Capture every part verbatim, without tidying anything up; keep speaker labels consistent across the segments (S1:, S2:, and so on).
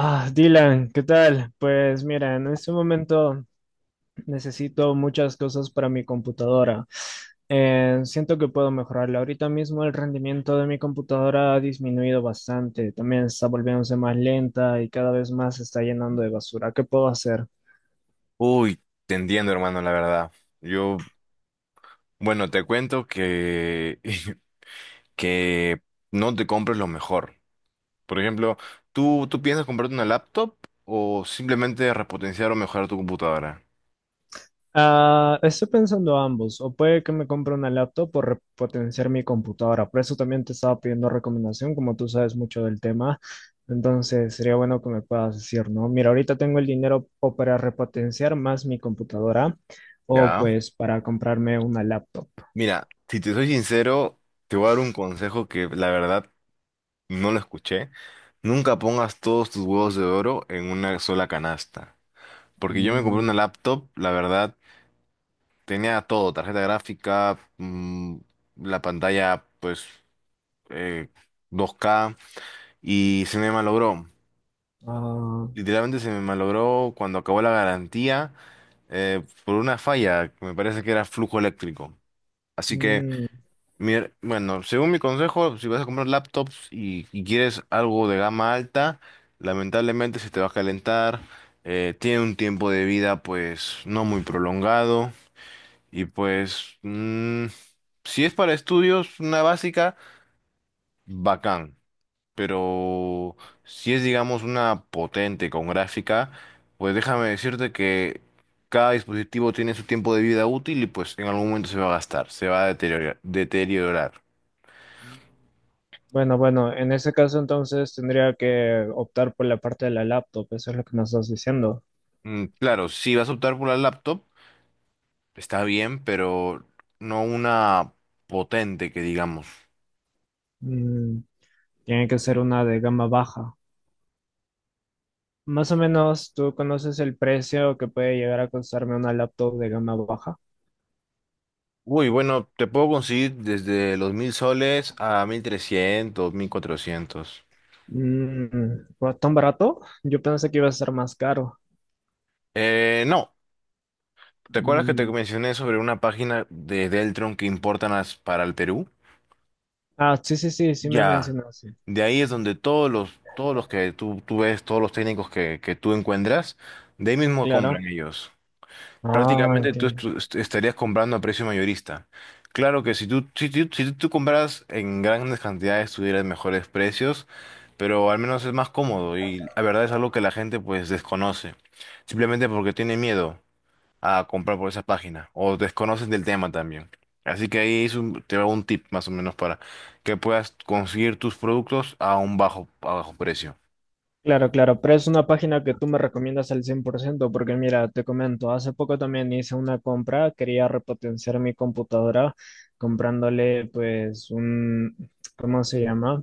S1: Ah, Dylan, ¿qué tal? Pues mira, en este momento necesito muchas cosas para mi computadora. Eh, siento que puedo mejorarla. Ahorita mismo el rendimiento de mi computadora ha disminuido bastante. También está volviéndose más lenta y cada vez más se está llenando de basura. ¿Qué puedo hacer?
S2: Uy, te entiendo, hermano, la verdad. Yo, bueno, te cuento que, que no te compres lo mejor. Por ejemplo, ¿tú, tú piensas comprarte una laptop o simplemente repotenciar o mejorar tu computadora?
S1: Ah, estoy pensando ambos, o puede que me compre una laptop por potenciar mi computadora. Por eso también te estaba pidiendo recomendación, como tú sabes mucho del tema. Entonces sería bueno que me puedas decir, ¿no? Mira, ahorita tengo el dinero o para repotenciar más mi computadora, o
S2: ¿Ya?
S1: pues para comprarme una laptop.
S2: Mira, si te soy sincero, te voy a dar un consejo que la verdad no lo escuché. Nunca pongas todos tus huevos de oro en una sola canasta. Porque yo me compré
S1: Mm,
S2: una laptop, la verdad tenía todo, tarjeta gráfica, mm, la pantalla, pues, eh, dos ka, y se me malogró.
S1: ah,
S2: Literalmente se me malogró cuando acabó la garantía, eh, por una falla, que me parece que era flujo eléctrico. Así que,
S1: mm,
S2: mi her- bueno, según mi consejo, si vas a comprar laptops y, y quieres algo de gama alta, lamentablemente se te va a calentar, eh, tiene un tiempo de vida, pues, no muy prolongado. Y pues, mm, si es para estudios, una básica, bacán. Pero si es, digamos, una potente con gráfica, pues déjame decirte que cada dispositivo tiene su tiempo de vida útil y pues en algún momento se va a gastar, se va a deteriorar, deteriorar.
S1: bueno, bueno, en ese caso entonces tendría que optar por la parte de la laptop, eso es lo que me estás diciendo.
S2: Mm, claro, si vas a optar por la laptop, está bien, pero no una potente que digamos.
S1: Mm, tiene que ser una de gama baja. Más o menos, ¿tú conoces el precio que puede llegar a costarme una laptop de gama baja?
S2: Uy, bueno, te puedo conseguir desde los mil soles a mil trescientos, mil cuatrocientos.
S1: Mm, ¿fue ¿tan barato? Yo pensé que iba a ser más caro.
S2: Eh, no, ¿te acuerdas que te
S1: Mm,
S2: mencioné sobre una página de Deltron que importan as- para el Perú?
S1: ah, sí, sí, sí, sí me
S2: Ya,
S1: mencionaste.
S2: de ahí es donde todos los, todos los que tú, tú ves, todos los técnicos que, que tú encuentras, de ahí mismo compran
S1: Claro.
S2: ellos.
S1: Ah,
S2: Prácticamente tú
S1: entiendo.
S2: estu- est- estarías comprando a precio mayorista. Claro que si tú, si tú, si tú compras en grandes cantidades, tuvieras mejores precios. Pero al menos es más cómodo y la verdad es algo que la gente pues desconoce, simplemente porque tiene miedo a comprar por esa página o desconocen del tema también. Así que ahí es un- te va un tip más o menos para que puedas conseguir tus productos a un bajo, a bajo precio.
S1: Claro, claro, pero es una página que tú me recomiendas al cien por ciento, porque mira, te comento, hace poco también hice una compra, quería repotenciar mi computadora comprándole pues un, ¿cómo se llama?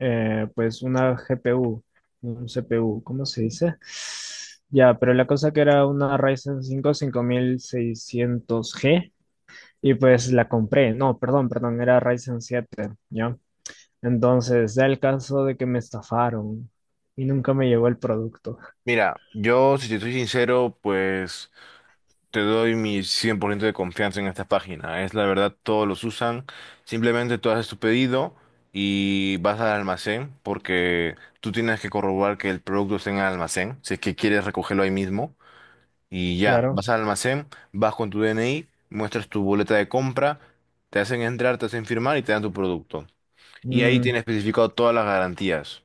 S1: eh, Pues una G P U, un C P U, ¿cómo se dice? Ya, pero la cosa que era una Ryzen cinco cinco mil seiscientos g y pues la compré, no, perdón, perdón, era Ryzen siete, ¿ya? Entonces, da el caso de que me estafaron y nunca me llegó el producto.
S2: Mira, yo si te soy sincero, pues te doy mi cien por ciento de confianza en esta página. Es la verdad, todos los usan. Simplemente tú haces tu pedido y vas al almacén porque tú tienes que corroborar que el producto esté en el almacén, si es que quieres recogerlo ahí mismo. Y ya,
S1: Claro,
S2: vas al almacén, vas con tu D N I, muestras tu boleta de compra, te hacen entrar, te hacen firmar y te dan tu producto. Y ahí
S1: mm,
S2: tiene especificado todas las garantías.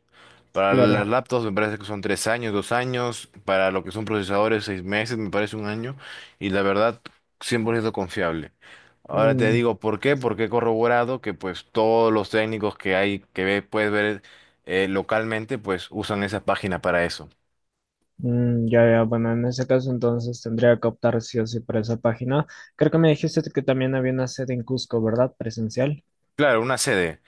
S2: Para
S1: claro,
S2: las laptops me parece que son tres años, dos años. Para lo que son procesadores, seis meses, me parece un año. Y la verdad, cien por ciento confiable. Ahora te
S1: mm,
S2: digo por qué, porque he corroborado que pues todos los técnicos que hay, que ve- puedes ver eh, localmente, pues usan esa página para eso.
S1: mm, ya, ya, bueno, en ese caso entonces tendría que optar sí o sí por esa página. Creo que me dijiste que también había una sede en Cusco, ¿verdad? Presencial.
S2: Claro, una sede.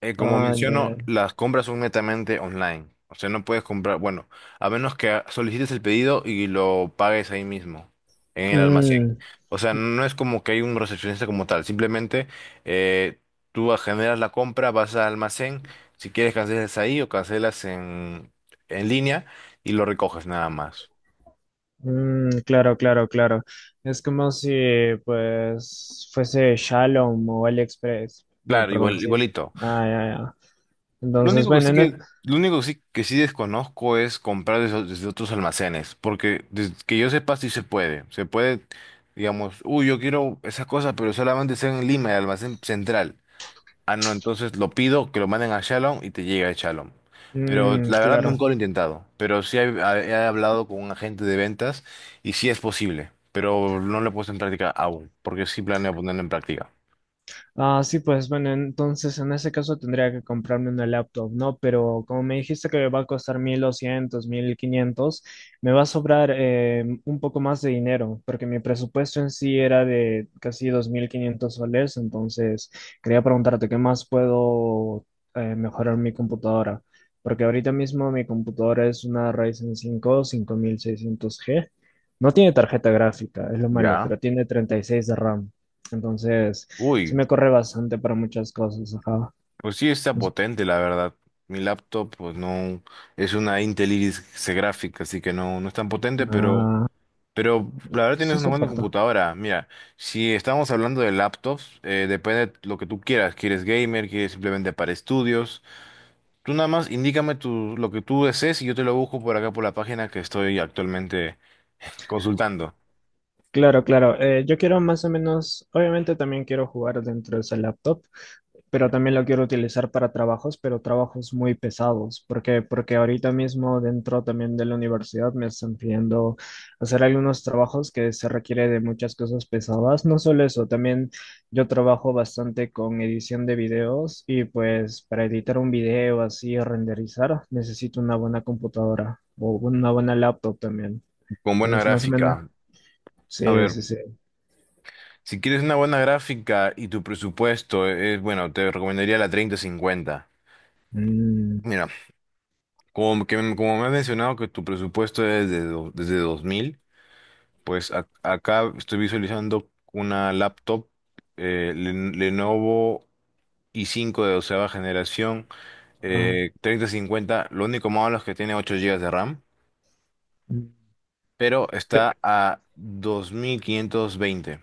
S2: Eh, como
S1: Ah, ya, ya.
S2: menciono, las compras son netamente online. O sea, no puedes comprar, bueno, a menos que solicites el pedido y lo pagues ahí mismo, en el almacén.
S1: Mm,
S2: O sea, no es como que hay un recepcionista como tal. Simplemente eh, tú generas la compra, vas al almacén, si quieres cancelas ahí o cancelas en, en línea y lo recoges nada más.
S1: mm, claro, claro, claro. Es como si, pues, fuese Shalom o AliExpress. No,
S2: Claro, igual,
S1: perdón, sí.
S2: igualito.
S1: Ah, ya, ya.
S2: Lo
S1: Entonces,
S2: único que
S1: bueno,
S2: sí
S1: en es-
S2: que, lo único que sí, que sí desconozco es comprar desde, desde otros almacenes, porque desde que yo sepa sí se puede. Se puede, digamos, uy, yo quiero esa cosa, pero solamente está en Lima, el almacén central. Ah, no, entonces lo pido, que lo manden a Shalom y te llega a Shalom. Pero
S1: mm,
S2: la verdad
S1: claro.
S2: nunca lo he intentado, pero sí he, he hablado con un agente de ventas y sí es posible, pero no lo he puesto en práctica aún, porque sí planeo ponerlo en práctica.
S1: Ah, sí, pues bueno, entonces en ese caso tendría que comprarme una laptop, ¿no? Pero como me dijiste que me va a costar mil doscientos, mil quinientos, me va a sobrar eh, un poco más de dinero, porque mi presupuesto en sí era de casi dos mil quinientos soles, entonces quería preguntarte qué más puedo eh, mejorar mi computadora, porque ahorita mismo mi computadora es una Ryzen cinco, cinco mil seiscientos g, no tiene tarjeta gráfica, es lo malo,
S2: Ya.
S1: pero tiene treinta y seis de RAM. Entonces, sí
S2: Uy.
S1: me corre bastante para muchas cosas, ajá.
S2: Pues sí, está
S1: Es-
S2: potente, la verdad. Mi laptop, pues no, es una Intel Iris C gráfica, así que no, no es tan potente, pero,
S1: Ah,
S2: pero la verdad tienes
S1: sí
S2: una buena
S1: soporto.
S2: computadora. Mira, si estamos hablando de laptops, eh, depende de lo que tú quieras. ¿Quieres gamer? ¿Quieres simplemente para estudios? Tú nada más indícame tu, lo que tú desees y yo te lo busco por acá por la página que estoy actualmente consultando.
S1: Claro, claro. Eh, yo quiero más o menos, obviamente también quiero jugar dentro de ese laptop, pero
S2: Ya.
S1: también lo quiero utilizar para trabajos, pero trabajos muy pesados, porque porque ahorita mismo dentro también de la universidad me están pidiendo hacer algunos trabajos que se requiere de muchas cosas pesadas, no solo eso, también yo trabajo bastante con edición de videos y pues para editar un video así renderizar necesito una buena computadora o una buena laptop también.
S2: Con buena
S1: Entonces, más o menos,
S2: gráfica. A
S1: sí, sí,
S2: ver,
S1: sí.
S2: si quieres una buena gráfica y tu presupuesto es, bueno, te recomendaría la treinta cincuenta.
S1: Mm,
S2: Mira, como, que, como me has mencionado que tu presupuesto es de do- desde dos mil, pues ac- acá estoy visualizando una laptop eh, Len- Lenovo i cinco de doceava generación,
S1: ah,
S2: eh, treinta cincuenta, lo único malo es que tiene ocho gigas de RAM,
S1: mm.
S2: pero está a dos mil quinientos veinte.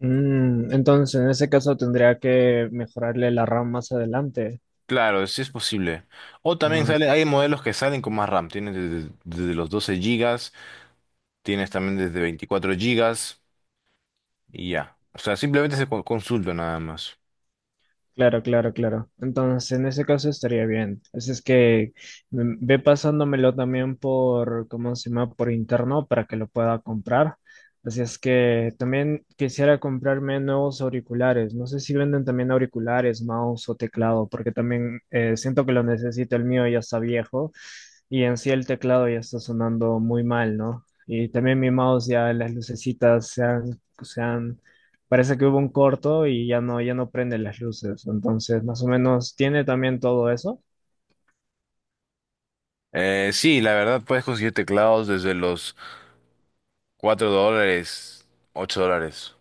S1: Mm, entonces, en ese caso tendría que mejorarle la RAM más adelante.
S2: Claro, sí es posible. O también
S1: Ah,
S2: sale, hay modelos que salen con más RAM, tienes desde, desde los doce gigas, tienes también desde veinticuatro gigas. Y ya. O sea, simplemente se co- consulta nada más.
S1: claro, claro, claro. Entonces, en ese caso estaría bien. Así es que mm, ve pasándomelo también por, ¿cómo se llama? Por interno para que lo pueda comprar. Así es que también quisiera comprarme nuevos auriculares. No sé si venden también auriculares, mouse o teclado, porque también eh, siento que lo necesito. El mío ya está viejo y en sí el teclado ya está sonando muy mal, ¿no? Y también mi mouse ya las lucecitas se han, se han parece que hubo un corto y ya no, ya no prende las luces. Entonces, más o menos, tiene también todo eso.
S2: Eh, sí, la verdad puedes conseguir teclados desde los cuatro dólares, ocho dólares.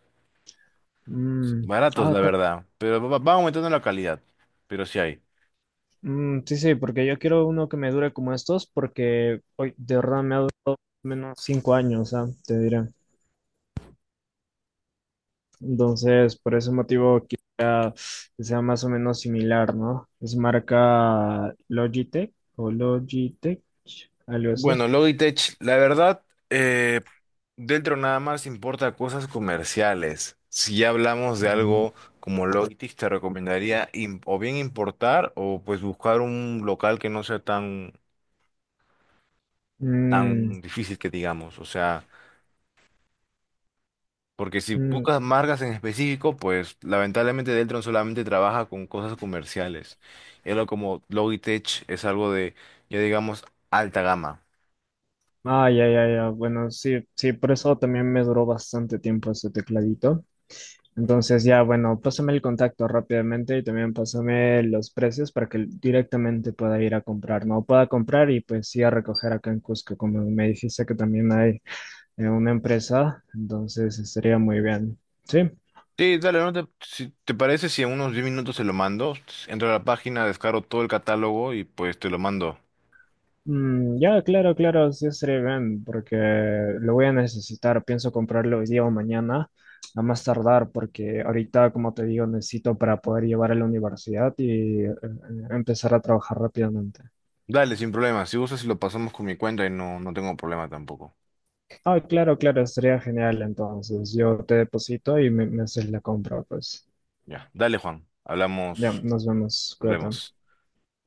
S1: Mm,
S2: Baratos,
S1: ah,
S2: la
S1: ta-
S2: verdad. Pero va, va aumentando la calidad. Pero sí hay.
S1: mm, sí, sí, porque yo quiero uno que me dure como estos, porque hoy de verdad me ha durado menos cinco años, ah, te diré. Entonces, por ese motivo, quisiera que sea más o menos similar, ¿no? Es marca Logitech o Logitech, algo así.
S2: Bueno, Logitech, la verdad, eh, dentro nada más importa cosas comerciales. Si ya hablamos de
S1: Mm,
S2: algo como Logitech, te recomendaría im- o bien importar o pues buscar un local que no sea tan, tan difícil que digamos. O sea. Porque si
S1: mm,
S2: buscas marcas en específico, pues lamentablemente Deltron solamente trabaja con cosas comerciales. Y algo como Logitech es algo de, ya digamos, alta gama.
S1: ah, ya, ya, ya. Bueno, sí, sí, por eso también me duró bastante tiempo ese tecladito. Entonces, ya, bueno, pásame el contacto rápidamente y también pásame los precios para que directamente pueda ir a comprar, ¿no? Pueda comprar y pues sí a recoger acá en Cusco, como me dijiste que también hay eh, una empresa, entonces estaría muy bien. ¿Sí?
S2: Sí, dale, no te, si te parece, si en unos diez minutos se lo mando, entro a la página, descargo todo el catálogo y pues te lo mando.
S1: Mm, ya, claro, claro, sí estaría bien, porque lo voy a necesitar. Pienso comprarlo hoy día o mañana, a más tardar, porque ahorita, como te digo, necesito para poder llevar a la universidad y eh, empezar a trabajar rápidamente.
S2: Dale, sin problema. Si gustas, lo pasamos con mi cuenta y no, no tengo problema tampoco.
S1: Ah, claro, claro, estaría genial. Entonces, yo te deposito y me, me haces la compra, pues.
S2: Ya, dale, Juan.
S1: Ya,
S2: Hablamos,
S1: nos vemos,
S2: nos
S1: cuídate.
S2: vemos.